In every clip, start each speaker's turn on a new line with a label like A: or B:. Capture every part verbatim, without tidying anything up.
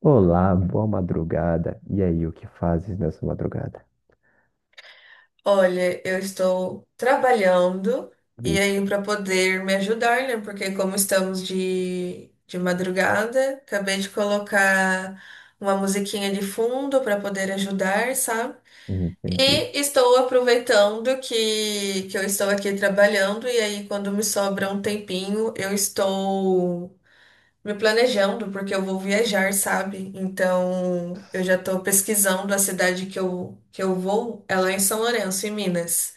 A: Olá, boa madrugada. E aí, o que fazes nessa madrugada?
B: Olha, eu estou trabalhando e aí
A: Vixe,
B: para poder me ajudar, né? Porque como estamos de, de madrugada, acabei de colocar uma musiquinha de fundo para poder ajudar, sabe?
A: entendi.
B: E estou aproveitando que, que eu estou aqui trabalhando e aí quando me sobra um tempinho, eu estou me planejando porque eu vou viajar, sabe? Então, eu já estou pesquisando a cidade que eu, que eu vou, é lá em São Lourenço, em Minas.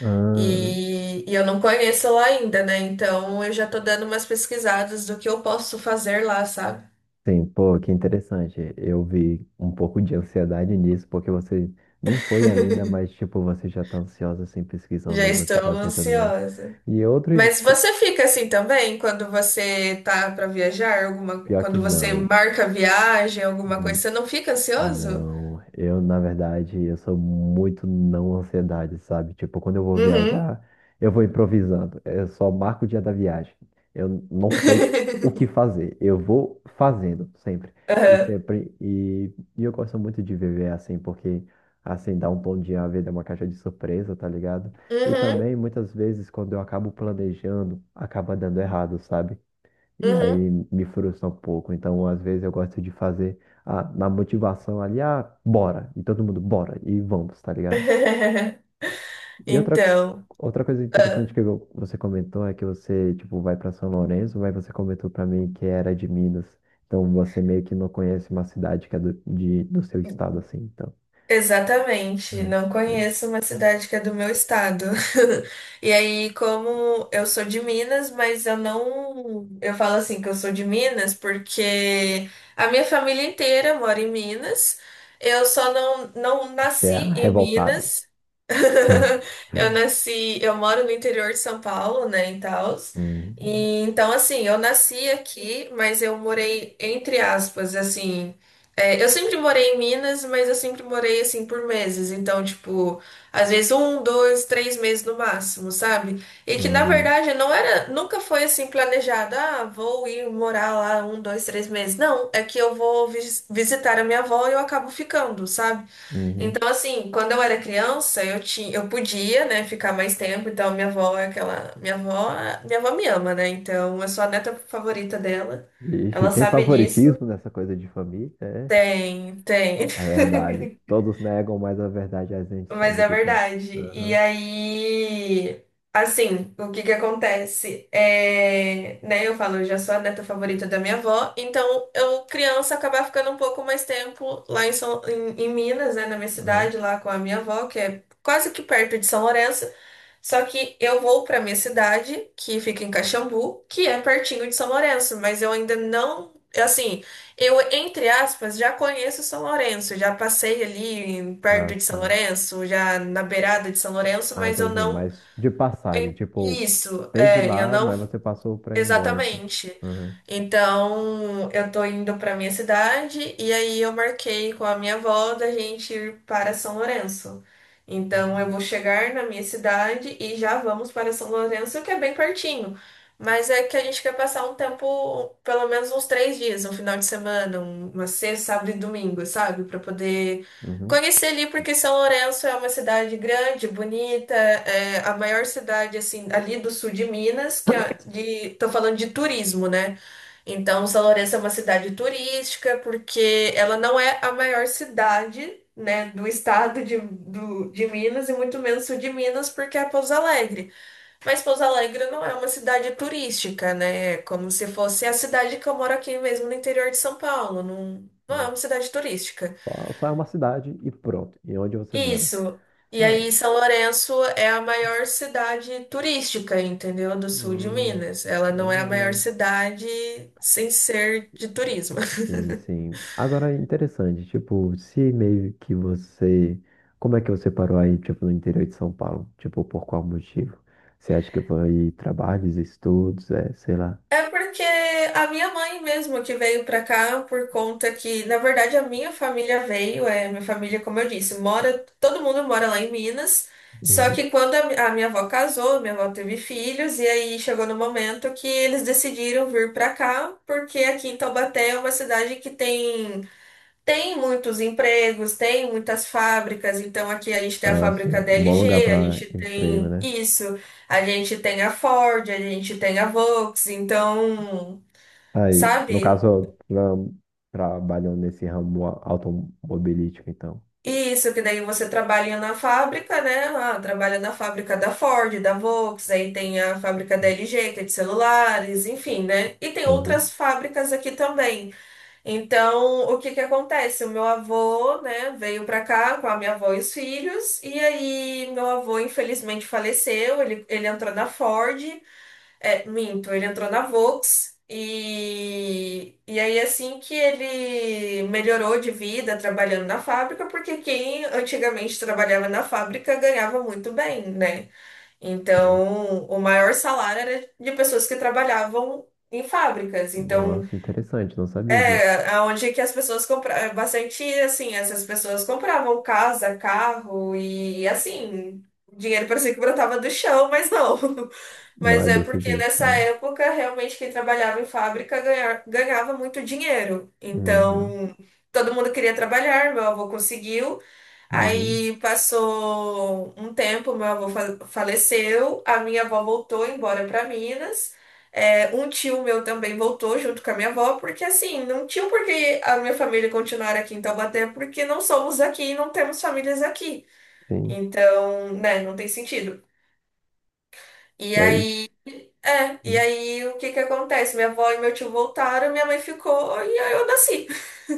A: Ah,
B: E, e eu não conheço lá ainda, né? Então eu já tô dando umas pesquisadas do que eu posso fazer lá, sabe?
A: sim, pô, que interessante. Eu vi um pouco de ansiedade nisso, porque você nem foi ainda, mas, tipo, você já tá ansiosa, assim,
B: Já
A: pesquisando no
B: estou
A: que fazer e tudo mais.
B: ansiosa.
A: E outro,
B: Mas
A: co-
B: você fica assim também quando você tá para viajar, alguma,
A: pior que
B: quando você
A: não.
B: marca viagem, alguma coisa, você não fica ansioso?
A: Não, eu na verdade eu sou muito não ansiedade, sabe? Tipo, quando eu vou
B: Uhum.
A: viajar, eu vou improvisando. Eu só marco o dia da viagem. Eu não sei o que fazer. Eu vou fazendo sempre. E
B: Aham.
A: sempre e, e eu gosto muito de viver assim, porque assim dá um bom dia, a vida é uma caixa de surpresa, tá ligado? E
B: Uhum.
A: também muitas vezes quando eu acabo planejando, acaba dando errado, sabe? E
B: Uhum.
A: aí me frustra um pouco. Então, às vezes, eu gosto de fazer a, na motivação ali, ah, bora. E todo mundo, bora. E vamos, tá ligado? E outra,
B: Então.
A: outra coisa interessante que eu- você comentou é que você, tipo, vai para São Lourenço, mas você comentou para mim que era de Minas. Então, você meio que não conhece uma cidade que é do, de, do seu estado, assim. Então,
B: Exatamente,
A: uhum,
B: não
A: beleza.
B: conheço uma cidade que é do meu estado. E aí, como eu sou de Minas, mas eu não. Eu falo assim que eu sou de Minas porque a minha família inteira mora em Minas. Eu só não, não
A: Você
B: nasci
A: é a
B: em
A: revoltada.
B: Minas. Eu nasci. Eu moro no interior de São Paulo, né, em Taos.
A: Uhum.
B: E, então, assim, eu nasci aqui, mas eu morei, entre aspas, assim. É, eu sempre morei em Minas, mas eu sempre morei assim por meses. Então, tipo, às vezes um, dois, três meses no máximo, sabe? E que na
A: Uhum.
B: verdade não era, nunca foi assim planejado. Ah, vou ir morar lá um, dois, três meses. Não, é que eu vou vis- visitar a minha avó e eu acabo ficando, sabe?
A: Uhum.
B: Então, assim, quando eu era criança, eu tinha, eu podia, né, ficar mais tempo. Então, minha avó é aquela, minha avó, minha avó me ama, né? Então, eu sou a neta favorita dela.
A: Ixi,
B: Ela
A: tem
B: sabe disso.
A: favoritismo nessa coisa de família? É
B: Tem, tem.
A: a verdade. Todos negam, mas a verdade a gente
B: Mas
A: sabe
B: é
A: que tem.
B: verdade. E
A: Aham,
B: aí, assim, o que que acontece? É, né, eu falo, eu já sou a neta favorita da minha avó, então eu, criança, acabava ficando um pouco mais tempo lá em, São, em, em Minas, né, na minha
A: aham.
B: cidade, lá com a minha avó, que é quase que perto de São Lourenço. Só que eu vou para minha cidade, que fica em Caxambu, que é pertinho de São Lourenço, mas eu ainda não, assim, eu entre aspas já conheço São Lourenço, já passei ali em-
A: Ah,
B: perto de São
A: sim.
B: Lourenço, já na beirada de São Lourenço,
A: Ah,
B: mas eu
A: entendi.
B: não
A: Mas de passagem,
B: em-
A: tipo,
B: isso,
A: teve
B: é, eu
A: lá,
B: não.
A: mas você passou pra ir embora, assim.
B: Exatamente.
A: Aham.
B: Então, eu tô indo pra minha cidade e aí eu marquei com a minha avó da gente ir para São Lourenço. Então, eu vou chegar na minha cidade e já vamos para São Lourenço, que é bem pertinho. Mas é que a gente quer passar um tempo, pelo menos uns três dias, um final de semana, um- uma sexta, sábado e domingo, sabe? Pra poder
A: Uhum.
B: conheci ali porque São Lourenço é uma cidade grande, bonita, é a maior cidade assim ali do sul de Minas, que é de, tô falando de turismo, né? Então São Lourenço é uma cidade turística porque ela não é a maior cidade, né, do estado de, do- de Minas e muito menos sul de Minas porque é Pouso Alegre. Mas Pouso Alegre não é uma cidade turística, né? É como se fosse a cidade que eu moro aqui mesmo no interior de São Paulo, não, não é uma
A: É.
B: cidade turística.
A: Só, só é uma cidade e pronto. E onde você mora?
B: Isso. E
A: Ah,
B: aí,
A: é-
B: São Lourenço é a maior cidade turística, entendeu? Do sul de
A: ah,
B: Minas. Ela não é a maior
A: legal.
B: cidade sem ser de turismo.
A: Sim, sim. Agora é interessante, tipo, se meio que você. Como é que você parou aí, tipo, no interior de São Paulo? Tipo, por qual motivo? Você acha que foi trabalhos, estudos, é, sei lá.
B: É porque a minha mãe mesmo que veio pra cá por conta que, na verdade, a minha família veio, é, minha família, como eu disse, mora, todo mundo mora lá em Minas. Só
A: Uhum.
B: que quando a, mi- a minha avó casou, minha avó teve filhos, e aí chegou no momento que eles decidiram vir pra cá, porque aqui em Taubaté é uma cidade que tem tem muitos empregos, tem muitas fábricas, então aqui a gente tem a
A: Ah, assim,
B: fábrica da
A: um bom lugar
B: L G, a
A: para
B: gente
A: emprego,
B: tem
A: né?
B: isso, a gente tem a Ford, a gente tem a Volks, então,
A: Aí, no
B: sabe?
A: caso, tra trabalhou nesse ramo a- automobilístico, então.
B: Isso, que daí você trabalha na fábrica, né? Ah, trabalha na fábrica da Ford, da Volks, aí tem a fábrica da L G, que é de celulares, enfim, né? E tem
A: Uhum.
B: outras fábricas aqui também. Então, o que que acontece? O meu avô, né, veio pra cá com a minha avó e os filhos, e aí meu avô infelizmente faleceu, ele, ele entrou na Ford, é, minto, ele entrou na Volks, e, e aí assim que ele melhorou de vida trabalhando na fábrica, porque quem antigamente trabalhava na fábrica ganhava muito bem, né?
A: Sim.
B: Então, o maior salário era de pessoas que trabalhavam em fábricas, então...
A: Nossa, interessante, não sabia disso.
B: É, aonde é que as pessoas compravam bastante, assim, essas pessoas compravam casa, carro e assim, o dinheiro parecia que brotava do chão, mas não.
A: Não é
B: Mas é
A: desse
B: porque
A: jeito,
B: nessa
A: né?
B: época realmente quem trabalhava em fábrica ganha- ganhava muito dinheiro.
A: Uhum.
B: Então, todo mundo queria trabalhar, meu avô conseguiu.
A: Uhum.
B: Aí passou um tempo, meu avô fa- faleceu, a minha avó voltou embora para Minas. É, um tio meu também voltou junto com a minha avó, porque assim, não tinha por que a minha família continuar aqui em Taubaté, porque não somos daqui e não temos famílias aqui.
A: Sim.
B: Então, né, não tem sentido. E
A: É isso.
B: aí, é, e aí o que que acontece? Minha avó e meu tio voltaram, minha mãe ficou e aí eu nasci.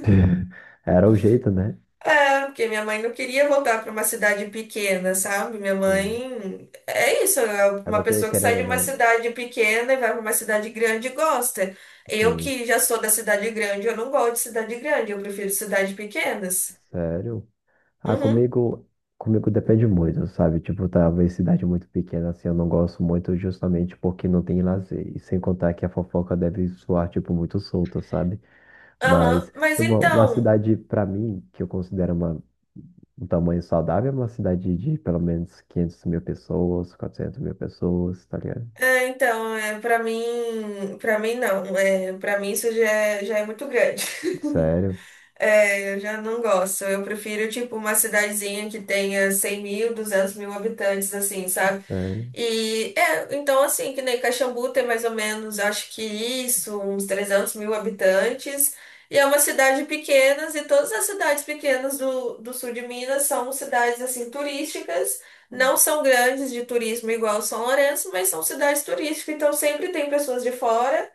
A: Era o jeito, né?
B: É, porque minha mãe não queria voltar para uma cidade pequena, sabe? Minha
A: Sim.
B: mãe é isso, é
A: É
B: uma
A: porque,
B: pessoa que sai
A: querendo
B: de
A: ou
B: uma
A: não,
B: cidade pequena e vai para uma cidade grande e gosta. Eu
A: sim.
B: que já sou da cidade grande, eu não gosto de cidade grande, eu prefiro cidades pequenas.
A: Sério? Ah,
B: Uhum,
A: comigo, comigo depende muito, sabe? Tipo, talvez cidade muito pequena, assim, eu não gosto muito justamente porque não tem lazer. E sem contar que a fofoca deve soar, tipo, muito solta, sabe?
B: aham.
A: Mas,
B: Mas
A: tipo, uma
B: então,
A: cidade, pra mim, que eu considero uma, um tamanho saudável, é uma cidade de pelo menos quinhentas mil pessoas, quatrocentas mil pessoas, tá ligado?
B: é, então, é, para mim, para mim não, é, para mim isso já é, já é, muito grande.
A: Sério,
B: É, eu já não gosto. Eu prefiro, tipo, uma cidadezinha que tenha cem mil, duzentos mil habitantes, assim, sabe?
A: sério.
B: E é, então assim, que nem Caxambu tem mais ou menos, acho que isso, uns trezentos mil habitantes. E é uma cidade pequena, e todas as cidades pequenas do, do sul de Minas são cidades assim turísticas, não são grandes de turismo igual São Lourenço, mas são cidades turísticas, então sempre tem pessoas de fora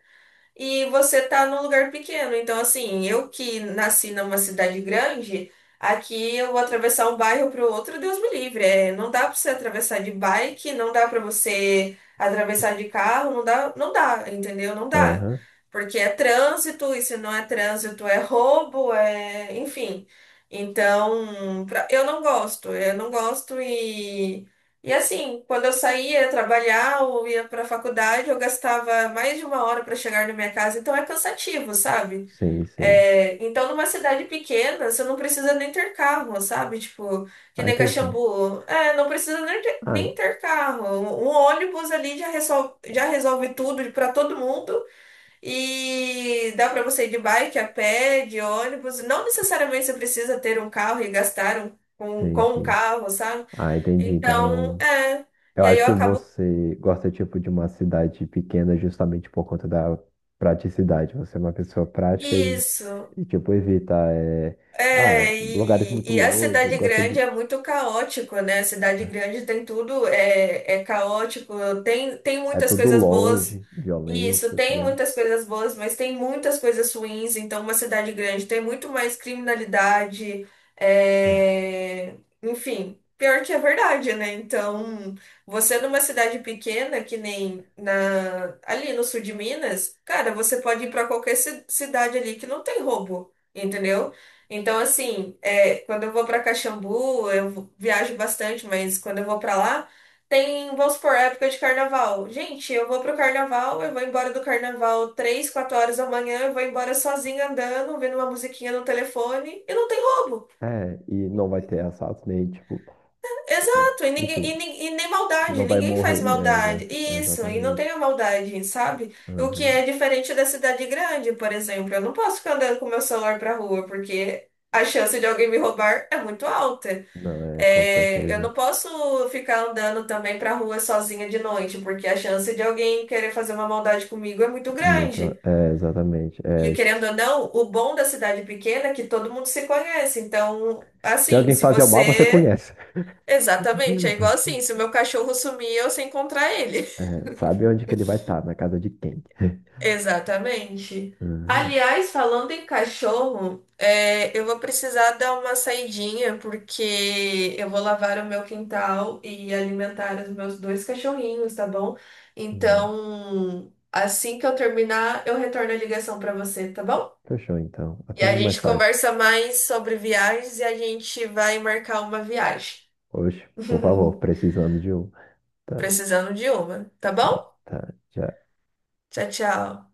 B: e você tá num lugar pequeno. Então, assim, eu que nasci numa cidade grande, aqui eu vou atravessar um bairro pro outro, Deus me livre. É, não dá pra você atravessar de bike, não dá pra você atravessar de carro, não dá, não dá, entendeu? Não dá.
A: Aham,
B: Porque é trânsito, e se não é trânsito, é roubo, é, enfim. Então, pra- eu não gosto, eu não gosto e e assim, quando eu saía trabalhar ou ia para a faculdade, eu gastava mais de uma hora para chegar na minha casa, então é cansativo, sabe?
A: sim, sim.
B: É, então, numa cidade pequena, você não precisa nem ter carro, sabe? Tipo, que
A: Ah,
B: nem
A: entendi.
B: Caxambu. É, não precisa nem ter,
A: Ah,
B: nem ter carro. Um um ônibus ali já resolve, já resolve tudo para todo mundo e dá para você ir de bike, a pé, de ônibus. Não necessariamente você precisa ter um carro e gastar um, com,
A: sim,
B: com um
A: sim.
B: carro, sabe?
A: Ah, entendi.
B: Então,
A: Então,
B: é.
A: eu
B: E aí
A: acho
B: eu
A: que
B: acabo.
A: você gosta, tipo, de uma cidade pequena justamente por conta da praticidade. Você é uma pessoa prática e,
B: Isso.
A: e tipo, evita, é, ah,
B: É,
A: lugares
B: e,
A: muito
B: e a
A: longe,
B: cidade
A: gosta
B: grande
A: de...
B: é muito caótico, né? A cidade grande tem tudo, é, é caótico, tem, tem
A: É
B: muitas
A: tudo
B: coisas boas,
A: longe,
B: e isso,
A: violência, tá
B: tem
A: ligado?
B: muitas coisas boas, mas tem muitas coisas ruins, então uma cidade grande tem muito mais criminalidade, é, enfim, pior que é verdade, né? Então, você numa cidade pequena, que nem na, ali no sul de Minas, cara, você pode ir para qualquer ci- cidade ali que não tem roubo, entendeu? Então, assim, é, quando eu vou para Caxambu, eu viajo bastante, mas quando eu vou para lá, tem, vamos supor, época de carnaval. Gente, eu vou pro carnaval, eu vou embora do carnaval três, quatro horas da manhã, eu vou embora sozinha andando, ouvindo uma musiquinha no telefone, e não tem roubo.
A: É, e não vai ter assalto nem, tipo,
B: Exato, e, ninguém,
A: enfim,
B: e, nin- e nem maldade,
A: não vai
B: ninguém
A: morrer,
B: faz
A: é,
B: maldade.
A: exa-
B: Isso, e não
A: exatamente.
B: tem a maldade, sabe? O que
A: Aham.
B: é diferente da cidade grande, por exemplo. Eu não posso ficar andando com meu celular pra rua, porque a chance de alguém me roubar é muito alta.
A: Não, é, com
B: É, eu
A: certeza.
B: não posso ficar andando também pra rua sozinha de noite, porque a chance de alguém querer fazer uma maldade comigo é muito
A: É muito,
B: grande.
A: é, exatamente. É,
B: E querendo
A: esses-
B: ou não, o bom da cidade pequena é que todo mundo se conhece. Então,
A: Se
B: assim,
A: alguém
B: se
A: fazer o mal, você
B: você.
A: conhece.
B: Exatamente, é igual assim: se o meu cachorro sumir, eu sei encontrar ele.
A: É, sabe onde que ele vai estar, na casa de quem.
B: Exatamente.
A: Uhum.
B: Aliás, falando em cachorro, é, eu vou precisar dar uma saidinha porque eu vou lavar o meu quintal e alimentar os meus dois cachorrinhos, tá bom?
A: Uhum.
B: Então, assim que eu terminar, eu retorno a ligação para você, tá bom?
A: Fechou, então.
B: E
A: Até
B: a
A: mais
B: gente
A: tarde.
B: conversa mais sobre viagens e a gente vai marcar uma viagem.
A: Hoje, por favor, precisando de um. Tá,
B: Precisando de uma, tá bom?
A: sim, tá, já.
B: Tchau, tchau.